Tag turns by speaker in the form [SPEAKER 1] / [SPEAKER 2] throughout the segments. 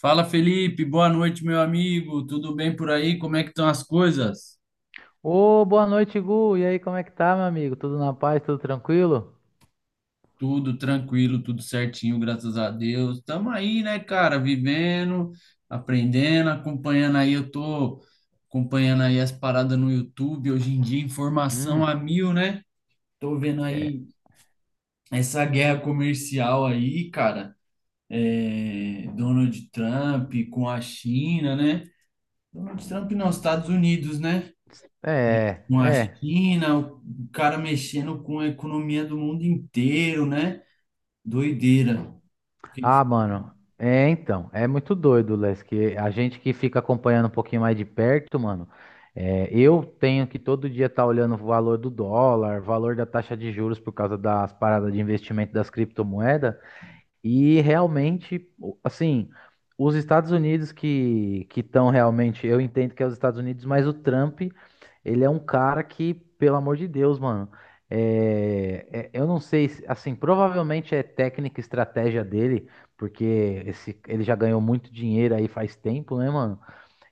[SPEAKER 1] Fala Felipe, boa noite, meu amigo. Tudo bem por aí? Como é que estão as coisas?
[SPEAKER 2] Ô, boa noite, Gu. E aí, como é que tá, meu amigo? Tudo na paz, tudo tranquilo?
[SPEAKER 1] Tudo tranquilo, tudo certinho, graças a Deus. Tamo aí, né, cara, vivendo, aprendendo, acompanhando aí. Eu tô acompanhando aí as paradas no YouTube. Hoje em dia, informação a
[SPEAKER 2] Hum.
[SPEAKER 1] mil, né? Tô vendo
[SPEAKER 2] É,
[SPEAKER 1] aí essa guerra comercial aí, cara. É, Donald Trump com a China, né? Donald Trump nos Estados Unidos, né?
[SPEAKER 2] é,
[SPEAKER 1] Uma
[SPEAKER 2] é.
[SPEAKER 1] China, o cara mexendo com a economia do mundo inteiro, né? Doideira.
[SPEAKER 2] Ah, mano, é então, é muito doido, Les, que a gente que fica acompanhando um pouquinho mais de perto, mano, é, eu tenho que todo dia estar olhando o valor do dólar, valor da taxa de juros por causa das paradas de investimento das criptomoedas. E realmente, assim, os Estados Unidos que estão realmente, eu entendo que é os Estados Unidos, mas o Trump, ele é um cara que, pelo amor de Deus, mano, eu não sei, assim, provavelmente é técnica e estratégia dele, porque ele já ganhou muito dinheiro aí faz tempo, né, mano?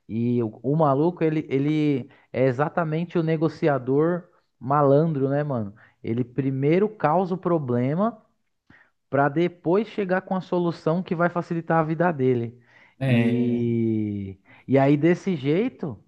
[SPEAKER 2] E o maluco, ele é exatamente o negociador malandro, né, mano? Ele primeiro causa o problema para depois chegar com a solução que vai facilitar a vida dele.
[SPEAKER 1] É,
[SPEAKER 2] E, e aí, desse jeito,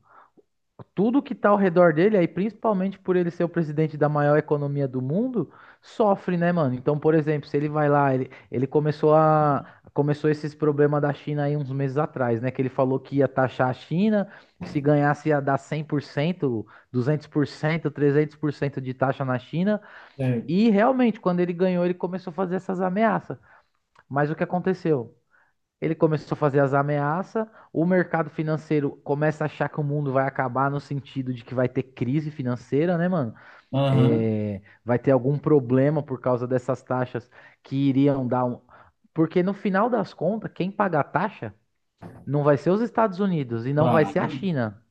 [SPEAKER 2] tudo que está ao redor dele, aí principalmente por ele ser o presidente da maior economia do mundo, sofre, né, mano? Então, por exemplo, se ele vai lá, ele começou a. Começou esses problemas da China aí uns meses atrás, né? Que ele falou que ia taxar a China, que se ganhasse ia dar cem por cento 200%, 300% de taxa na China.
[SPEAKER 1] é.
[SPEAKER 2] E realmente, quando ele ganhou, ele começou a fazer essas ameaças. Mas o que aconteceu? Ele começou a fazer as ameaças, o mercado financeiro começa a achar que o mundo vai acabar no sentido de que vai ter crise financeira, né, mano?
[SPEAKER 1] Aham,
[SPEAKER 2] É, vai ter algum problema por causa dessas taxas que iriam dar um. Porque no final das contas, quem paga a taxa não vai ser os Estados Unidos e não vai ser a
[SPEAKER 1] claro,
[SPEAKER 2] China.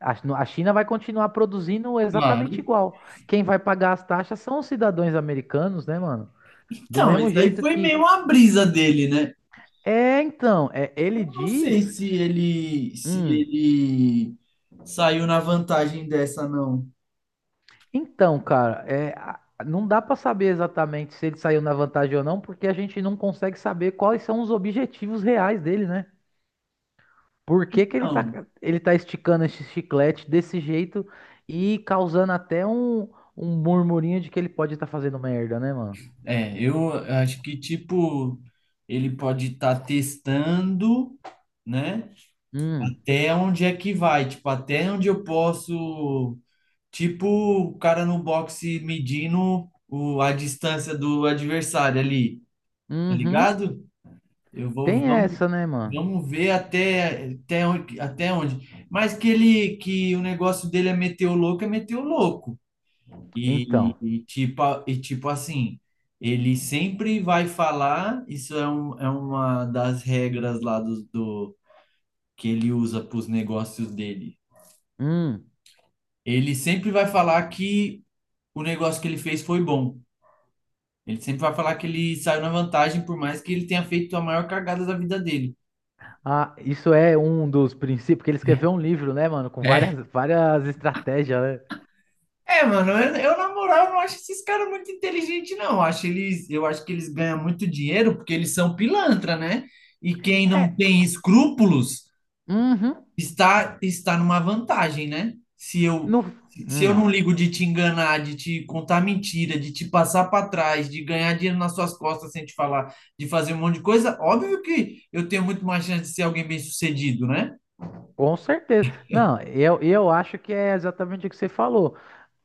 [SPEAKER 2] A a China vai continuar produzindo
[SPEAKER 1] claro.
[SPEAKER 2] exatamente igual. Quem vai pagar as taxas são os cidadãos americanos, né, mano? Do
[SPEAKER 1] Então,
[SPEAKER 2] mesmo
[SPEAKER 1] isso aí
[SPEAKER 2] jeito
[SPEAKER 1] foi meio
[SPEAKER 2] que
[SPEAKER 1] uma brisa dele, né?
[SPEAKER 2] É, então, é, ele
[SPEAKER 1] Eu não sei
[SPEAKER 2] diz.
[SPEAKER 1] se ele, se
[SPEAKER 2] Hum,
[SPEAKER 1] ele saiu na vantagem dessa, não.
[SPEAKER 2] então, cara, é, não dá pra saber exatamente se ele saiu na vantagem ou não, porque a gente não consegue saber quais são os objetivos reais dele, né? Por que que
[SPEAKER 1] Não.
[SPEAKER 2] ele tá esticando esse chiclete desse jeito e causando até um murmurinho de que ele pode estar fazendo merda, né, mano?
[SPEAKER 1] É, eu acho que, tipo, ele pode estar testando, né?
[SPEAKER 2] Hum,
[SPEAKER 1] Até onde é que vai, tipo, até onde eu posso. Tipo o cara no boxe medindo a distância do adversário ali, tá
[SPEAKER 2] uhum,
[SPEAKER 1] ligado? Eu vou,
[SPEAKER 2] tem
[SPEAKER 1] vamos,
[SPEAKER 2] essa, né, mano?
[SPEAKER 1] vamos ver até onde. Mas que ele, que o negócio dele é meter o louco, é meter o louco. E,
[SPEAKER 2] Então.
[SPEAKER 1] e tipo, a- e tipo assim, ele sempre vai falar, isso é, uma das regras lá do que ele usa para os negócios dele.
[SPEAKER 2] Hum.
[SPEAKER 1] Ele sempre vai falar que o negócio que ele fez foi bom. Ele sempre vai falar que ele saiu na vantagem, por mais que ele tenha feito a maior cagada da vida dele.
[SPEAKER 2] Ah, isso é um dos princípios, porque ele escreveu um livro, né, mano, com várias,
[SPEAKER 1] É.
[SPEAKER 2] várias estratégias, né?
[SPEAKER 1] É, mano, eu, na moral não acho esses caras muito inteligentes, não. Eu acho que eles ganham muito dinheiro porque eles são pilantra, né? E quem não
[SPEAKER 2] É,
[SPEAKER 1] tem escrúpulos
[SPEAKER 2] uhum,
[SPEAKER 1] está numa vantagem, né? Se eu,
[SPEAKER 2] no,
[SPEAKER 1] se eu
[SPEAKER 2] hum,
[SPEAKER 1] não ligo de te enganar, de te contar mentira, de te passar para trás, de ganhar dinheiro nas suas costas sem te falar, de fazer um monte de coisa, óbvio que eu tenho muito mais chance de ser alguém bem-sucedido, né?
[SPEAKER 2] com certeza. Não, eu acho que é exatamente o que você falou.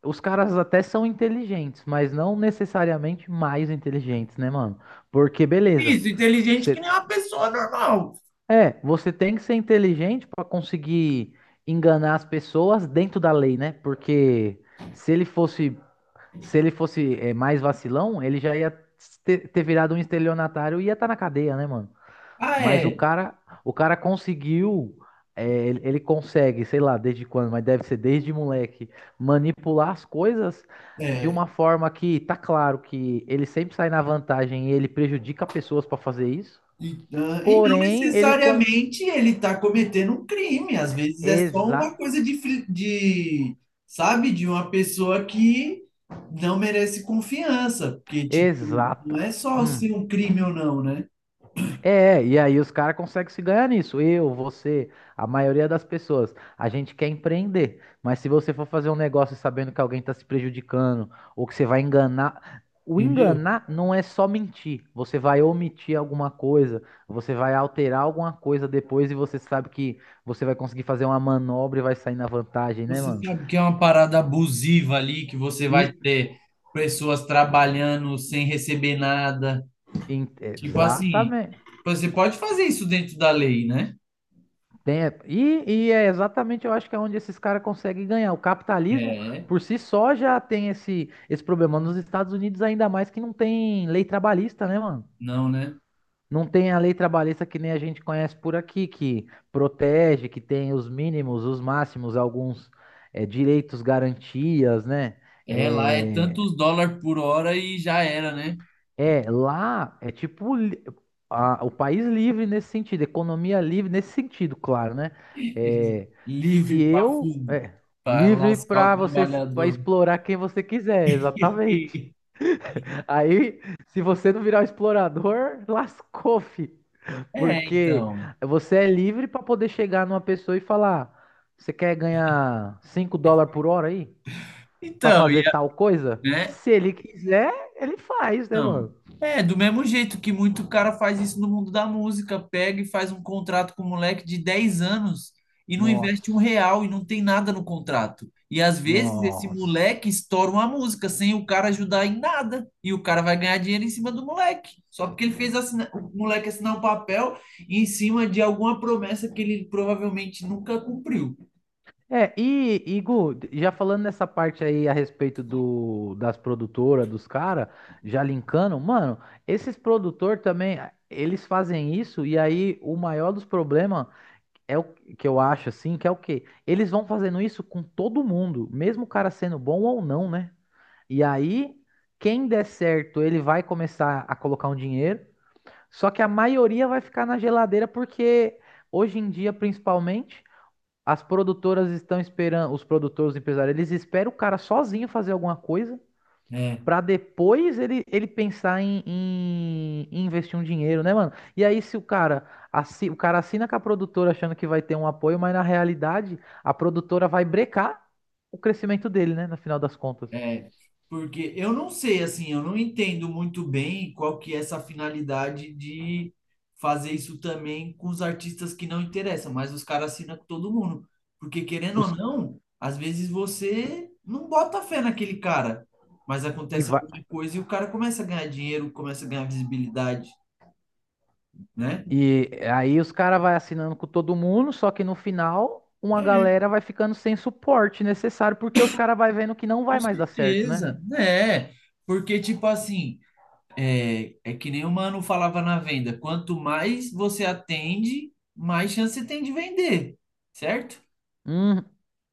[SPEAKER 2] Os caras até são inteligentes, mas não necessariamente mais inteligentes, né, mano? Porque, beleza,
[SPEAKER 1] Isso, inteligente que nem
[SPEAKER 2] você,
[SPEAKER 1] uma pessoa normal.
[SPEAKER 2] você tem que ser inteligente pra conseguir enganar as pessoas dentro da lei, né? Porque se ele fosse se ele fosse mais vacilão, ele já ia ter virado um estelionatário e ia estar na cadeia, né, mano?
[SPEAKER 1] Ah,
[SPEAKER 2] Mas o
[SPEAKER 1] é.
[SPEAKER 2] cara, o cara conseguiu, é, ele consegue, sei lá, desde quando, mas deve ser desde moleque, manipular as coisas de
[SPEAKER 1] É.
[SPEAKER 2] uma forma que tá claro que ele sempre sai na vantagem e ele prejudica pessoas pra fazer isso.
[SPEAKER 1] E não
[SPEAKER 2] Porém,
[SPEAKER 1] necessariamente ele está cometendo um crime, às vezes é só
[SPEAKER 2] Exa...
[SPEAKER 1] uma coisa de, sabe, de uma pessoa que não merece confiança, porque, tipo,
[SPEAKER 2] Exata.
[SPEAKER 1] não é só
[SPEAKER 2] Hum.
[SPEAKER 1] ser um crime ou não, né?
[SPEAKER 2] É, e aí os caras conseguem se ganhar nisso. Eu, você, a maioria das pessoas. A gente quer empreender, mas se você for fazer um negócio sabendo que alguém está se prejudicando ou que você vai enganar. O
[SPEAKER 1] Entendeu?
[SPEAKER 2] enganar não é só mentir. Você vai omitir alguma coisa, você vai alterar alguma coisa depois e você sabe que você vai conseguir fazer uma manobra e vai sair na vantagem, né,
[SPEAKER 1] Você
[SPEAKER 2] mano?
[SPEAKER 1] sabe que é uma parada abusiva ali, que você vai
[SPEAKER 2] E,
[SPEAKER 1] ter pessoas trabalhando sem receber nada. Tipo assim,
[SPEAKER 2] exatamente.
[SPEAKER 1] você pode fazer isso dentro da lei, né?
[SPEAKER 2] E é exatamente, eu acho que é onde esses caras conseguem ganhar. O capitalismo,
[SPEAKER 1] É,
[SPEAKER 2] por si só, já tem esse problema. Nos Estados Unidos, ainda mais que não tem lei trabalhista, né, mano?
[SPEAKER 1] não, né?
[SPEAKER 2] Não tem a lei trabalhista que nem a gente conhece por aqui, que protege, que tem os mínimos, os máximos, alguns direitos, garantias, né?
[SPEAKER 1] É, lá é
[SPEAKER 2] É,
[SPEAKER 1] tantos dólares por hora e já era, né?
[SPEAKER 2] É, lá é tipo o país livre nesse sentido, economia livre nesse sentido, claro, né? É, se
[SPEAKER 1] Livre para
[SPEAKER 2] eu é
[SPEAKER 1] para
[SPEAKER 2] livre
[SPEAKER 1] lascar o
[SPEAKER 2] para você para
[SPEAKER 1] trabalhador.
[SPEAKER 2] explorar quem você quiser, exatamente. Aí, se você não virar um explorador, lascou, fi,
[SPEAKER 1] É,
[SPEAKER 2] porque
[SPEAKER 1] então.
[SPEAKER 2] você é livre para poder chegar numa pessoa e falar: você quer ganhar US$ 5 por hora aí para
[SPEAKER 1] Então,
[SPEAKER 2] fazer tal coisa?
[SPEAKER 1] né?
[SPEAKER 2] Se ele quiser, ele faz, né,
[SPEAKER 1] Não.
[SPEAKER 2] mano?
[SPEAKER 1] É, do mesmo jeito que muito cara faz isso no mundo da música, pega e faz um contrato com um moleque de 10 anos e não investe um real
[SPEAKER 2] Nossa.
[SPEAKER 1] e não tem nada no contrato. E às vezes esse
[SPEAKER 2] Nossa.
[SPEAKER 1] moleque estoura uma música sem o cara ajudar em nada. E o cara vai ganhar dinheiro em cima do moleque. Só porque ele fez o moleque assinar um papel em cima de alguma promessa que ele provavelmente nunca cumpriu.
[SPEAKER 2] É, e Gu, já falando nessa parte aí a respeito das produtoras, dos caras, já linkando, mano, esses produtor também, eles fazem isso e aí o maior dos problemas é o que eu acho assim, que é o quê? Eles vão fazendo isso com todo mundo, mesmo o cara sendo bom ou não, né? E aí, quem der certo, ele vai começar a colocar um dinheiro, só que a maioria vai ficar na geladeira porque hoje em dia, principalmente. As produtoras estão esperando, os produtores, os empresários, eles esperam o cara sozinho fazer alguma coisa
[SPEAKER 1] É.
[SPEAKER 2] pra depois ele pensar em investir um dinheiro, né, mano? E aí se o cara, o cara assina com a produtora achando que vai ter um apoio, mas na realidade a produtora vai brecar o crescimento dele, né, no final das contas.
[SPEAKER 1] É, porque eu não sei, assim, eu não entendo muito bem qual que é essa finalidade de fazer isso também com os artistas que não interessam, mas os caras assinam com todo mundo. Porque querendo ou
[SPEAKER 2] Os-
[SPEAKER 1] não, às vezes você não bota fé naquele cara, mas
[SPEAKER 2] e,
[SPEAKER 1] acontece
[SPEAKER 2] vai-
[SPEAKER 1] alguma coisa e o cara começa a ganhar dinheiro, começa a ganhar visibilidade, né?
[SPEAKER 2] e aí os caras vai assinando com todo mundo, só que no final uma galera vai ficando sem suporte necessário porque os caras vai vendo que não vai
[SPEAKER 1] Com
[SPEAKER 2] mais dar certo, né?
[SPEAKER 1] certeza, né? Porque, tipo assim, é, é que nem o Mano falava na venda, quanto mais você atende, mais chance você tem de vender, certo?
[SPEAKER 2] Uhum.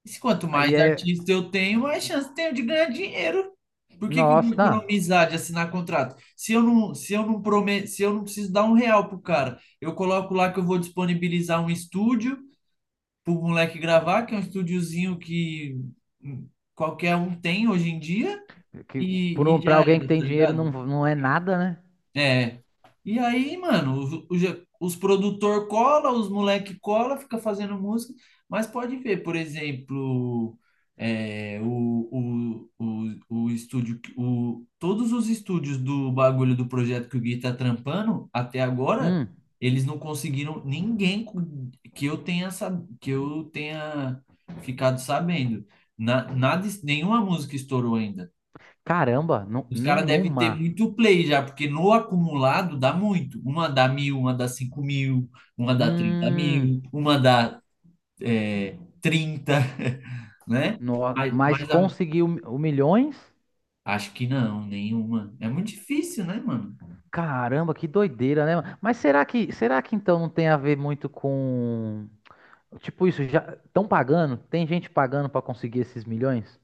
[SPEAKER 1] E se quanto
[SPEAKER 2] Aí
[SPEAKER 1] mais
[SPEAKER 2] é.
[SPEAKER 1] artista eu tenho, mais chance eu tenho de ganhar dinheiro. Por que que eu vou
[SPEAKER 2] Nossa, não.
[SPEAKER 1] economizar de assinar contrato? Se eu não prometo, se eu não preciso dar um real pro cara, eu coloco lá que eu vou disponibilizar um estúdio pro moleque gravar, que é um estúdiozinho que hum, qualquer um tem hoje em dia,
[SPEAKER 2] Que, por
[SPEAKER 1] e,
[SPEAKER 2] um,
[SPEAKER 1] e
[SPEAKER 2] pra
[SPEAKER 1] já
[SPEAKER 2] alguém que
[SPEAKER 1] era,
[SPEAKER 2] tem
[SPEAKER 1] tá
[SPEAKER 2] dinheiro não,
[SPEAKER 1] ligado?
[SPEAKER 2] não é nada, né?
[SPEAKER 1] É. E aí, mano, produtor cola, os moleque cola, fica fazendo música, mas pode ver, por exemplo, o estúdio, todos os estúdios do bagulho do projeto que o Gui tá trampando, até agora,
[SPEAKER 2] Hum,
[SPEAKER 1] eles não conseguiram ninguém que eu tenha ficado sabendo. Nada, nenhuma música estourou ainda.
[SPEAKER 2] caramba,
[SPEAKER 1] Os caras devem ter
[SPEAKER 2] nenhuma.
[SPEAKER 1] muito play já, porque no acumulado dá muito. Uma dá 1.000, uma dá 5.000, uma dá trinta
[SPEAKER 2] Hum,
[SPEAKER 1] mil, uma dá 30, né?
[SPEAKER 2] no,
[SPEAKER 1] Mas,
[SPEAKER 2] mas
[SPEAKER 1] mas a-
[SPEAKER 2] conseguiu o milhões?
[SPEAKER 1] acho que não, nenhuma. É muito difícil, né, mano?
[SPEAKER 2] Caramba, que doideira, né, mano? Mas será que então não tem a ver muito com. Tipo, isso já. Estão pagando? Tem gente pagando pra conseguir esses milhões?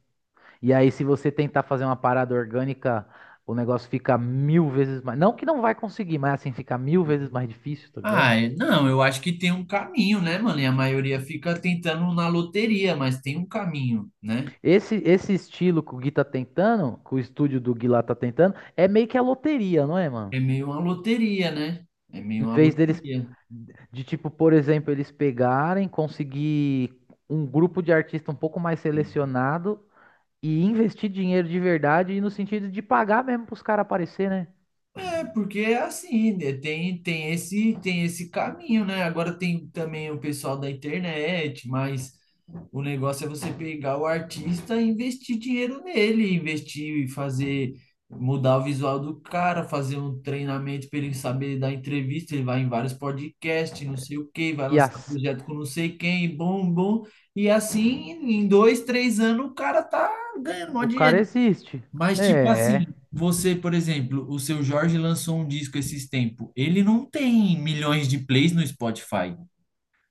[SPEAKER 2] E aí, se você tentar fazer uma parada orgânica, o negócio fica mil vezes mais. Não que não vai conseguir, mas assim, fica mil vezes mais difícil, tá ligado?
[SPEAKER 1] Ah, não, eu acho que tem um caminho, né, mano? E a maioria fica tentando na loteria, mas tem um caminho, né?
[SPEAKER 2] Esse estilo que o Gui tá tentando, que o estúdio do Gui lá tá tentando, é meio que a loteria, não é, mano?
[SPEAKER 1] É meio uma loteria, né? É meio
[SPEAKER 2] Em
[SPEAKER 1] uma
[SPEAKER 2] vez deles,
[SPEAKER 1] loteria.
[SPEAKER 2] de tipo, por exemplo, eles pegarem, conseguir um grupo de artista um pouco mais
[SPEAKER 1] É.
[SPEAKER 2] selecionado e investir dinheiro de verdade, e no sentido de pagar mesmo pros caras aparecer, né?
[SPEAKER 1] É, porque é assim, né? Tem esse caminho, né? Agora tem também o pessoal da internet, mas o negócio é você pegar o artista e investir dinheiro nele, investir e fazer, mudar o visual do cara, fazer um treinamento para ele saber dar entrevista, ele vai em vários podcasts, não sei o quê, vai
[SPEAKER 2] E
[SPEAKER 1] lançar
[SPEAKER 2] as,
[SPEAKER 1] projeto com não sei quem, bom, bom. E assim, em 2, 3 anos, o cara tá ganhando mó
[SPEAKER 2] o cara
[SPEAKER 1] dinheiro.
[SPEAKER 2] existe.
[SPEAKER 1] Mas, tipo assim,
[SPEAKER 2] É,
[SPEAKER 1] você, por exemplo, o seu Jorge lançou um disco esses tempos. Ele não tem milhões de plays no Spotify.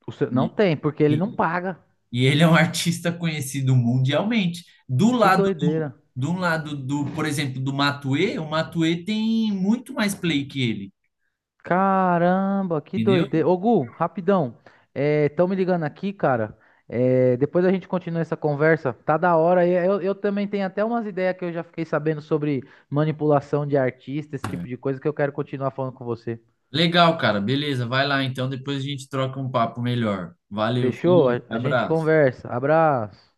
[SPEAKER 2] não
[SPEAKER 1] E,
[SPEAKER 2] tem, porque ele não
[SPEAKER 1] e,
[SPEAKER 2] paga.
[SPEAKER 1] e ele é um artista conhecido mundialmente. Do
[SPEAKER 2] Que
[SPEAKER 1] lado do,
[SPEAKER 2] doideira.
[SPEAKER 1] do lado do, por exemplo, do Matuê, o Matuê tem muito mais play que ele,
[SPEAKER 2] Caramba, que
[SPEAKER 1] entendeu?
[SPEAKER 2] doideira. Ô, Gu, rapidão. Estão me ligando aqui, cara. É, depois a gente continua essa conversa. Tá da hora. Eu também tenho até umas ideias que eu já fiquei sabendo sobre manipulação de artista, esse tipo de coisa que eu quero continuar falando com você.
[SPEAKER 1] Legal, cara. Beleza, vai lá então, depois a gente troca um papo melhor. Valeu,
[SPEAKER 2] Fechou?
[SPEAKER 1] Felipe.
[SPEAKER 2] A gente
[SPEAKER 1] Abraço.
[SPEAKER 2] conversa. Abraço.